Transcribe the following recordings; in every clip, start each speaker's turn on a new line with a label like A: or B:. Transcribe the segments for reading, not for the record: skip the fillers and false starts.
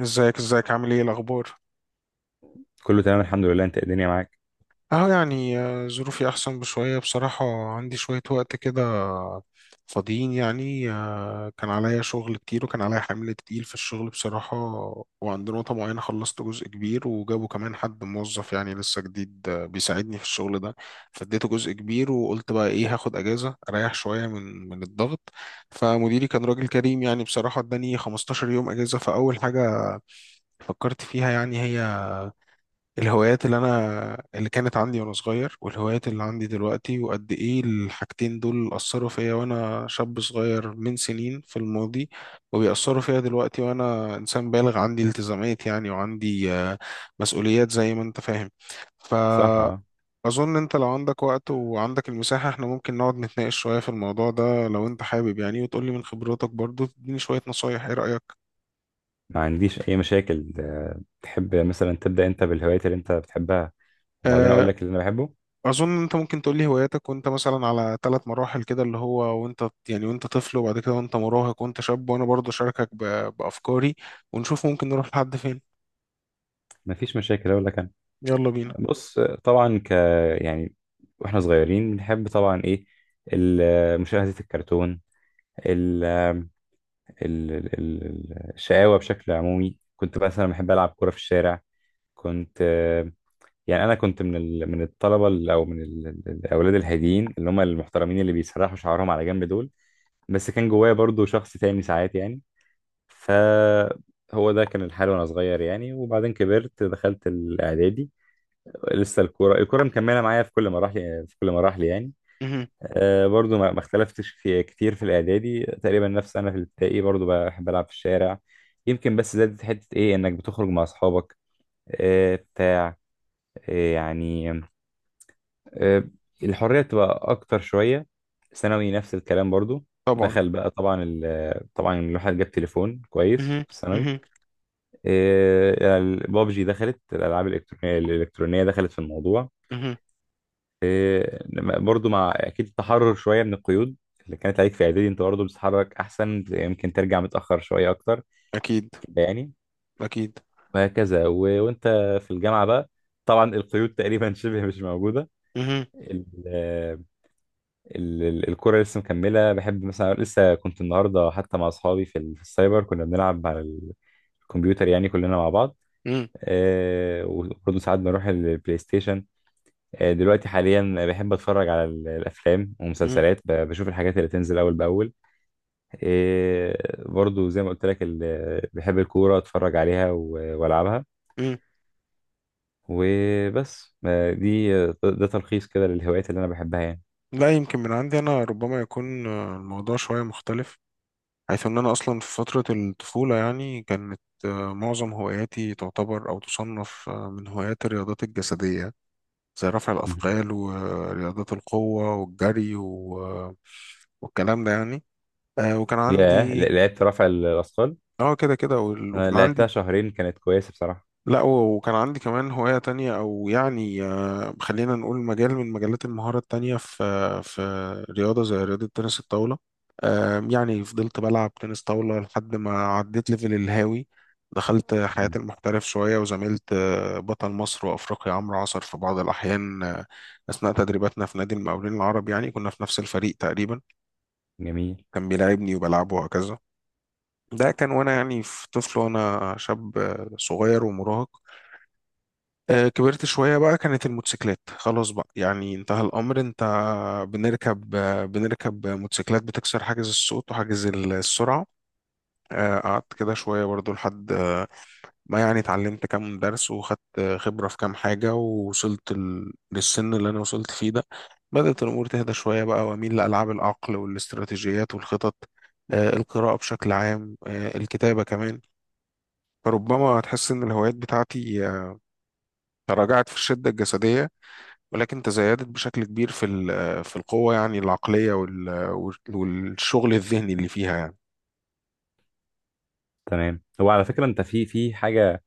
A: ازيك ازيك، عامل ايه الاخبار؟
B: كله تمام الحمد لله، انت الدنيا معاك.
A: اهو يعني ظروفي احسن بشويه بصراحه. عندي شويه وقت كده فاضيين يعني. كان عليا شغل كتير وكان عليا حمل تقيل في الشغل بصراحه. وعند نقطه معينه خلصت جزء كبير، وجابوا كمان حد موظف يعني لسه جديد، بيساعدني في الشغل ده. فاديته جزء كبير، وقلت بقى ايه، هاخد اجازه اريح شويه من الضغط. فمديري كان راجل كريم يعني بصراحه، اداني 15 يوم اجازه. فاول حاجه فكرت فيها يعني، هي الهوايات اللي كانت عندي وانا صغير، والهوايات اللي عندي دلوقتي، وقد ايه الحاجتين دول اثروا فيا وانا شاب صغير من سنين في الماضي، وبيأثروا فيا دلوقتي وانا انسان بالغ، عندي التزامات يعني، وعندي مسؤوليات زي ما انت فاهم.
B: صح، اه.
A: فأظن، انت لو عندك وقت وعندك المساحة، احنا ممكن نقعد نتناقش شوية في الموضوع ده لو انت حابب يعني، وتقولي من خبراتك برضو، تديني شوية نصايح. ايه رأيك؟
B: ما عنديش اي مشاكل، تحب مثلا تبدا انت بالهوايات اللي انت بتحبها وبعدين اقول
A: آه،
B: لك اللي انا بحبه.
A: اظن انت ممكن تقول لي هواياتك وانت مثلا على ثلاث مراحل كده، اللي هو وانت يعني وانت طفل، وبعد كده وانت مراهق، وانت شاب، وانا برضه اشاركك بافكاري. ونشوف ممكن نروح لحد فين.
B: ما فيش مشاكل، اقول لك انا.
A: يلا بينا.
B: بص، طبعا ك يعني واحنا صغيرين بنحب طبعا ايه مشاهده الكرتون. ال... الشقاوه بشكل عمومي، كنت مثلا بحب العب كوره في الشارع. كنت آه، يعني انا كنت من من الطلبه ال- او من ال... ال- الاولاد الهاديين اللي هم المحترمين اللي بيسرحوا شعرهم على جنب دول. بس كان جوايا برضو شخص تاني ساعات يعني. فهو ده كان الحال وانا صغير يعني. وبعدين كبرت، دخلت الاعدادي. لسه الكوره، مكمله معايا في كل مراحل، يعني.
A: مهم.
B: أه برضو ما اختلفتش في كتير في الاعدادي، تقريبا نفس انا في الابتدائي، برضو بحب العب في الشارع. يمكن بس زادت حته ايه، انك بتخرج مع اصحابك. أه بتاع أه يعني آه، الحرية بتبقى أكتر شوية. ثانوي نفس الكلام برضو.
A: طبعا.
B: دخل بقى طبعا طبعا الواحد جاب تليفون كويس
A: مهم.
B: في الثانوي.
A: مهم.
B: البابجي، دخلت الألعاب الإلكترونية، دخلت في الموضوع.
A: مهم.
B: برضو مع أكيد التحرر شوية من القيود اللي كانت عليك في إعدادي، أنت برضو بتتحرك أحسن، يمكن ترجع متأخر شوية أكتر
A: اكيد.
B: كده يعني.
A: اكيد.
B: وهكذا و... وأنت في الجامعة بقى، طبعا القيود تقريبا شبه مش
A: مهم.
B: موجودة. الكورة لسه مكملة، بحب مثلا لسه كنت النهاردة حتى مع أصحابي في السايبر كنا بنلعب على الكمبيوتر يعني كلنا مع بعض.
A: مهم.
B: آه وبرضه ساعات بنروح البلاي ستيشن. آه دلوقتي حاليا بحب أتفرج على الأفلام
A: مهم.
B: ومسلسلات، بشوف الحاجات اللي تنزل أول بأول. آه برضه زي ما قلت لك، بحب الكورة أتفرج عليها وألعبها
A: مهم.
B: وبس. آه دي، ده تلخيص كده للهوايات اللي أنا بحبها يعني.
A: لا، يمكن من عندي انا ربما يكون الموضوع شويه مختلف. حيث ان انا اصلا في فتره الطفوله يعني، كانت معظم هواياتي تعتبر او تصنف، من هوايات الرياضات الجسديه. زي رفع
B: مهم.
A: الأثقال ورياضات القوة والجري، والكلام ده يعني. وكان
B: ياه،
A: عندي.
B: لعبت رفع الأثقال.
A: اه كده كده.
B: أنا
A: وكان
B: لعبتها
A: عندي.
B: شهرين، كانت كويسة بصراحة.
A: لا، وكان عندي كمان هواية تانية، أو يعني، خلينا نقول مجال من مجالات المهارة التانية في رياضة، زي رياضة تنس الطاولة. يعني فضلت بلعب تنس طاولة لحد ما عديت ليفل الهاوي. دخلت حياة
B: مم.
A: المحترف شوية وزميلت بطل مصر وأفريقيا عمرو عصر في بعض الأحيان، أثناء تدريباتنا في نادي المقاولين العرب. يعني كنا في نفس الفريق تقريبا.
B: جميل.
A: كان بيلاعبني وبلعبه وهكذا. ده كان وأنا يعني في طفل وأنا شاب صغير ومراهق. كبرت شوية بقى، كانت الموتوسيكلات خلاص بقى يعني انتهى الأمر. انت بنركب موتوسيكلات بتكسر حاجز الصوت وحاجز السرعة. قعدت كده شوية برضو لحد ما، يعني اتعلمت كام درس، وخدت خبرة في كام حاجة، ووصلت للسن اللي أنا وصلت فيه ده. بدأت الأمور تهدى شوية بقى، وأميل لألعاب العقل والاستراتيجيات والخطط، القراءة بشكل عام، الكتابة كمان. فربما تحس إن الهوايات بتاعتي تراجعت في الشدة الجسدية، ولكن تزايدت بشكل كبير في ال- آه، في القوة يعني العقلية والشغل الذهني اللي فيها يعني.
B: تمام. هو على فكرة انت في حاجة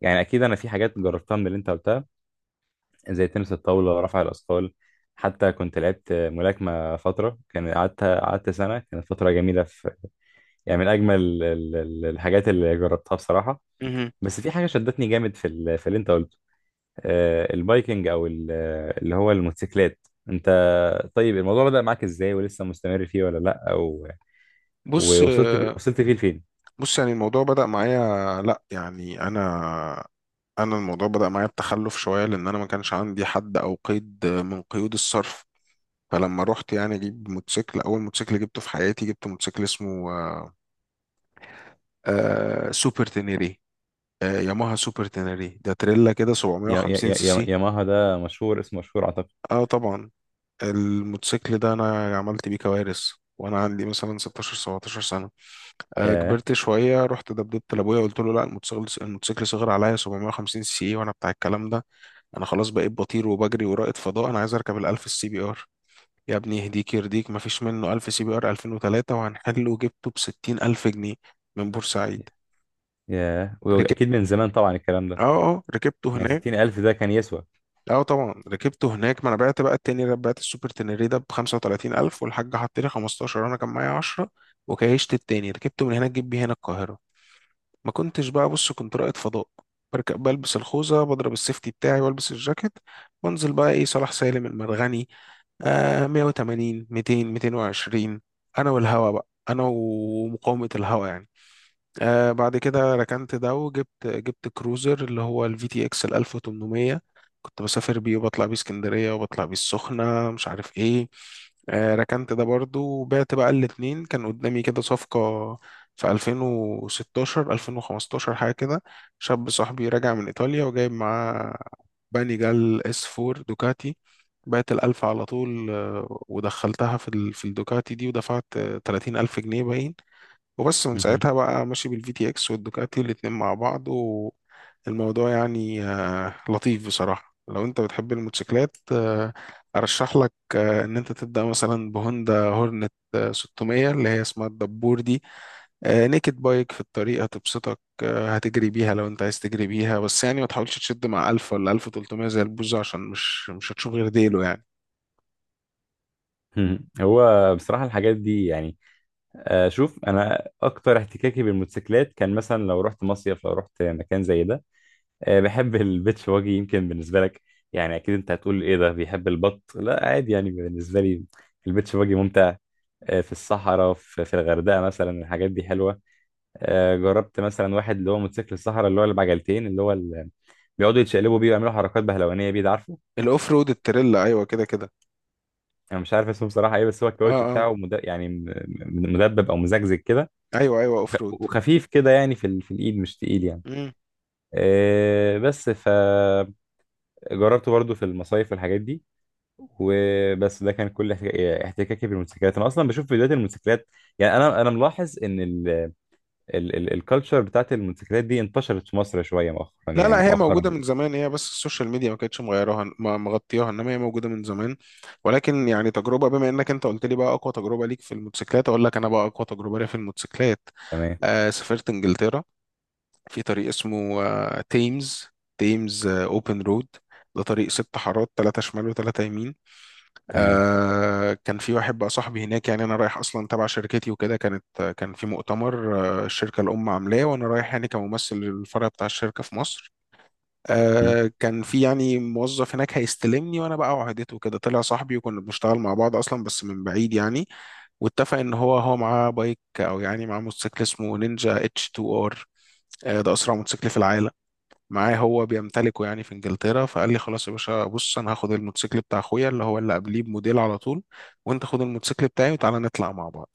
B: يعني، اكيد انا في حاجات جربتها من اللي انت قلتها، زي تنس الطاولة، رفع الاثقال. حتى كنت لعبت ملاكمة فترة، كان قعدت سنة، كانت فترة جميلة في، يعني من اجمل الحاجات اللي جربتها بصراحة.
A: مهم.
B: بس في حاجة شدتني جامد في اللي انت قلته. البايكنج، اللي هو الموتوسيكلات. انت، طيب الموضوع بدأ معاك ازاي، ولسه مستمر فيه ولا لا، او
A: بص.
B: وصلت فيه لفين؟
A: بص، يعني الموضوع بدأ معايا. لا يعني انا الموضوع بدأ معايا بتخلف شوية، لان انا ما كانش عندي حد او قيد من قيود الصرف. فلما رحت يعني اجيب موتوسيكل، اول موتوسيكل جبته في حياتي جبت موتوسيكل اسمه سوبر تينيري. ياماها سوبر تينيري، ده تريلا كده
B: يا يا
A: 750
B: يا
A: سي
B: يا
A: سي.
B: ياماها ده مشهور، اسمه مشهور أعتقد.
A: اه طبعا. الموتوسيكل ده انا عملت بيه كوارث وانا عندي مثلا 16 17 سنه.
B: ياه.
A: كبرت شويه، رحت دبدبت لابويا، قلت له: لا، الموتوسيكل صغير عليا، 750 سي سي وانا بتاع الكلام ده. انا خلاص بقيت بطير وبجري ورائد فضاء، انا عايز اركب ال 1000 السي بي ار. يا ابني يهديك يرضيك، ما فيش منه 1000 سي بي ار 2003، وهنحله وجبته ب 60000 جنيه من بورسعيد.
B: ياه، وأكيد
A: ركبت
B: من زمان طبعا الكلام ده.
A: اه اه، ركبته
B: يعني
A: هناك.
B: ستين ألف ده كان يسوى.
A: اه طبعا، ركبته هناك، ما انا بعت بقى التاني ده، بعت السوبر تنري ده ب 35000، والحاج حط لي 15، انا كان معايا 10. وكيشت التاني ركبته من هناك جيب بيه هنا القاهره. ما كنتش بقى، بص كنت رائد فضاء، بركب، بلبس الخوذه، بضرب السيفتي بتاعي، والبس الجاكيت. وانزل بقى ايه، صلاح سالم، المرغني، 180 200 220، انا والهوا بقى، انا ومقاومه الهوا يعني. بعد كده ركنت ده، وجبت كروزر اللي هو الفي تي اكس ال 1800. كنت بسافر بيه، وبطلع بيه اسكندرية، وبطلع بيه السخنة، مش عارف ايه. ركنت ده برضو، وبعت بقى الاتنين، كان قدامي كده صفقة في 2016 2015 حاجة كده. شاب صاحبي راجع من إيطاليا، وجايب معاه بانيجال اس 4 دوكاتي. بعت الألف على طول، ودخلتها في الدوكاتي دي، ودفعت تلاتين ألف جنيه باين. وبس، من
B: مهم.
A: ساعتها بقى ماشي بالفي تي اكس والدوكاتي الاتنين مع بعض. والموضوع يعني لطيف بصراحة. لو انت بتحب الموتوسيكلات، ارشح لك ان انت تبدأ مثلا بهوندا هورنت 600، اللي هي اسمها الدبور دي. نيكد بايك، في الطريق هتبسطك، هتجري بيها لو انت عايز تجري بيها، بس يعني ما تحاولش تشد مع 1000 ولا 1300 زي البوزة، عشان مش هتشوف غير ديله يعني.
B: مهم. هو بصراحة الحاجات دي يعني، شوف أنا أكتر احتكاكي بالموتوسيكلات كان مثلا لو رحت مصيف، لو رحت مكان زي ده، بحب البيتش واجي، يمكن بالنسبة لك يعني أكيد أنت هتقول إيه ده بيحب البط، لا عادي يعني بالنسبة لي البيتش واجي ممتع. في الصحراء، في الغردقة مثلا، الحاجات دي حلوة. جربت مثلا واحد اللي هو موتوسيكل الصحراء اللي هو اللي بعجلتين اللي هو اللي بيقعدوا يتشقلبوا بيه ويعملوا حركات بهلوانيه بيه، ده عارفه.
A: الاوف رود، التريلا، ايوه كده كده.
B: انا مش عارف اسمه بصراحه ايه، بس هو
A: اه
B: الكاوتش
A: اه،
B: بتاعه مد... يعني م- م- مدبب او مزجزج كده،
A: ايوه ايوه، اوف رود.
B: وخفيف كده يعني في الايد مش تقيل يعني. بس فجربته برضو في المصايف والحاجات دي وبس. ده كان كل احتكاكي بالموتوسيكلات. انا اصلا بشوف فيديوهات الموتوسيكلات يعني. انا ملاحظ ان الكالتشر بتاعت الموتوسيكلات دي انتشرت في مصر شويه مؤخرا،
A: لا لا،
B: يعني
A: هي موجودة
B: مؤخرا.
A: من زمان، هي بس السوشيال ميديا ما كانتش مغيرها مغطياها، انما هي موجودة من زمان. ولكن يعني، تجربة، بما انك انت قلت لي بقى اقوى تجربة ليك في الموتوسيكلات، اقول لك انا بقى اقوى تجربة ليا في الموتوسيكلات.
B: تمام.
A: سافرت انجلترا، في طريق اسمه تيمز، اوبن رود. ده طريق ست حارات، ثلاثة شمال وثلاثة يمين.
B: تمام.
A: كان في واحد بقى صاحبي هناك، يعني انا رايح اصلا تبع شركتي وكده، كان في مؤتمر. الشركة الام عاملاه، وانا رايح يعني كممثل للفرع بتاع الشركة في مصر.
B: مم.
A: كان في يعني موظف هناك هيستلمني وانا بقى وعدته كده، طلع صاحبي، وكنا بنشتغل مع بعض اصلا بس من بعيد يعني. واتفق ان هو معاه بايك، او يعني معاه موتوسيكل اسمه نينجا اتش 2 ار. ده اسرع موتوسيكل في العالم. معاه، هو بيمتلكه يعني في انجلترا. فقال لي: خلاص يا باشا بص، انا هاخد الموتوسيكل بتاع اخويا، اللي هو اللي قبليه بموديل على طول. وانت خد الموتوسيكل بتاعي وتعالى نطلع مع بعض.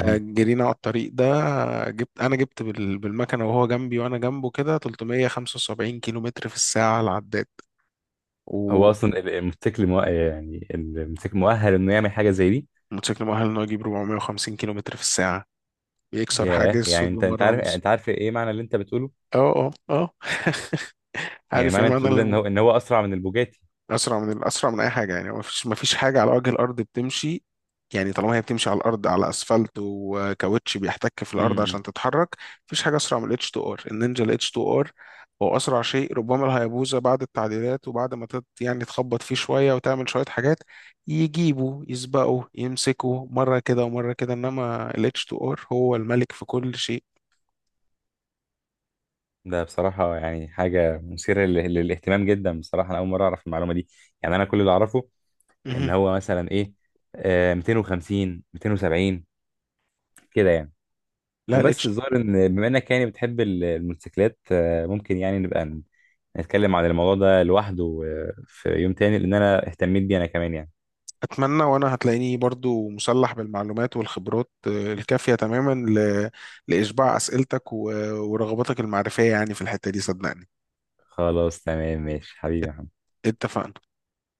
A: جرينا على الطريق ده. انا جبت بالمكنه وهو جنبي وانا جنبه كده، 375 كيلو متر في الساعه على العداد.
B: هو
A: وموتوسيكل
B: اصلا الموتوسيكل مو... يعني الموتوسيكل مؤهل انه يعمل حاجه زي دي؟
A: مؤهل انه يجيب 450 كيلو متر في الساعة، بيكسر
B: ياه،
A: حاجز
B: يعني
A: صوت
B: انت
A: بمرة
B: عارف،
A: ونص.
B: انت عارف ايه معنى اللي انت بتقوله؟
A: اه اه اه
B: يعني
A: عارف ايه
B: معنى اللي انت بتقوله ده ان
A: معنى.
B: هو ان هو اسرع من البوجاتي.
A: اسرع من اي حاجه يعني، ما فيش حاجه على وجه الارض بتمشي. يعني طالما هي بتمشي على الارض، على اسفلت وكاوتش بيحتك في الارض
B: امم.
A: عشان تتحرك. مفيش حاجه اسرع من الاتش 2 ار، النينجا الاتش 2 ار هو اسرع شيء، ربما الهيابوزا بعد التعديلات وبعد ما يعني تخبط فيه شويه وتعمل شويه حاجات. يجيبوا يسبقوا يمسكوا مره كده ومره كده، انما الاتش 2 ار هو الملك في كل شيء.
B: ده بصراحه يعني حاجه مثيره للاهتمام جدا بصراحه، انا اول مره اعرف المعلومه دي. يعني انا كل اللي اعرفه ان
A: مهم.
B: هو مثلا ايه، آه 250 270 كده يعني
A: لا،
B: وبس.
A: الاتش.
B: الظاهر ان بما انك يعني بتحب الموتوسيكلات، ممكن يعني نبقى نتكلم عن الموضوع ده لوحده في يوم تاني، لان انا اهتميت بيه انا كمان يعني.
A: أتمنى، وأنا هتلاقيني برضو مسلح بالمعلومات والخبرات الكافية تماما لإشباع أسئلتك ورغباتك المعرفية يعني في الحتة دي صدقني.
B: خلاص تمام، ماشي حبيبي
A: ات-
B: يا محمد.
A: اتفقنا.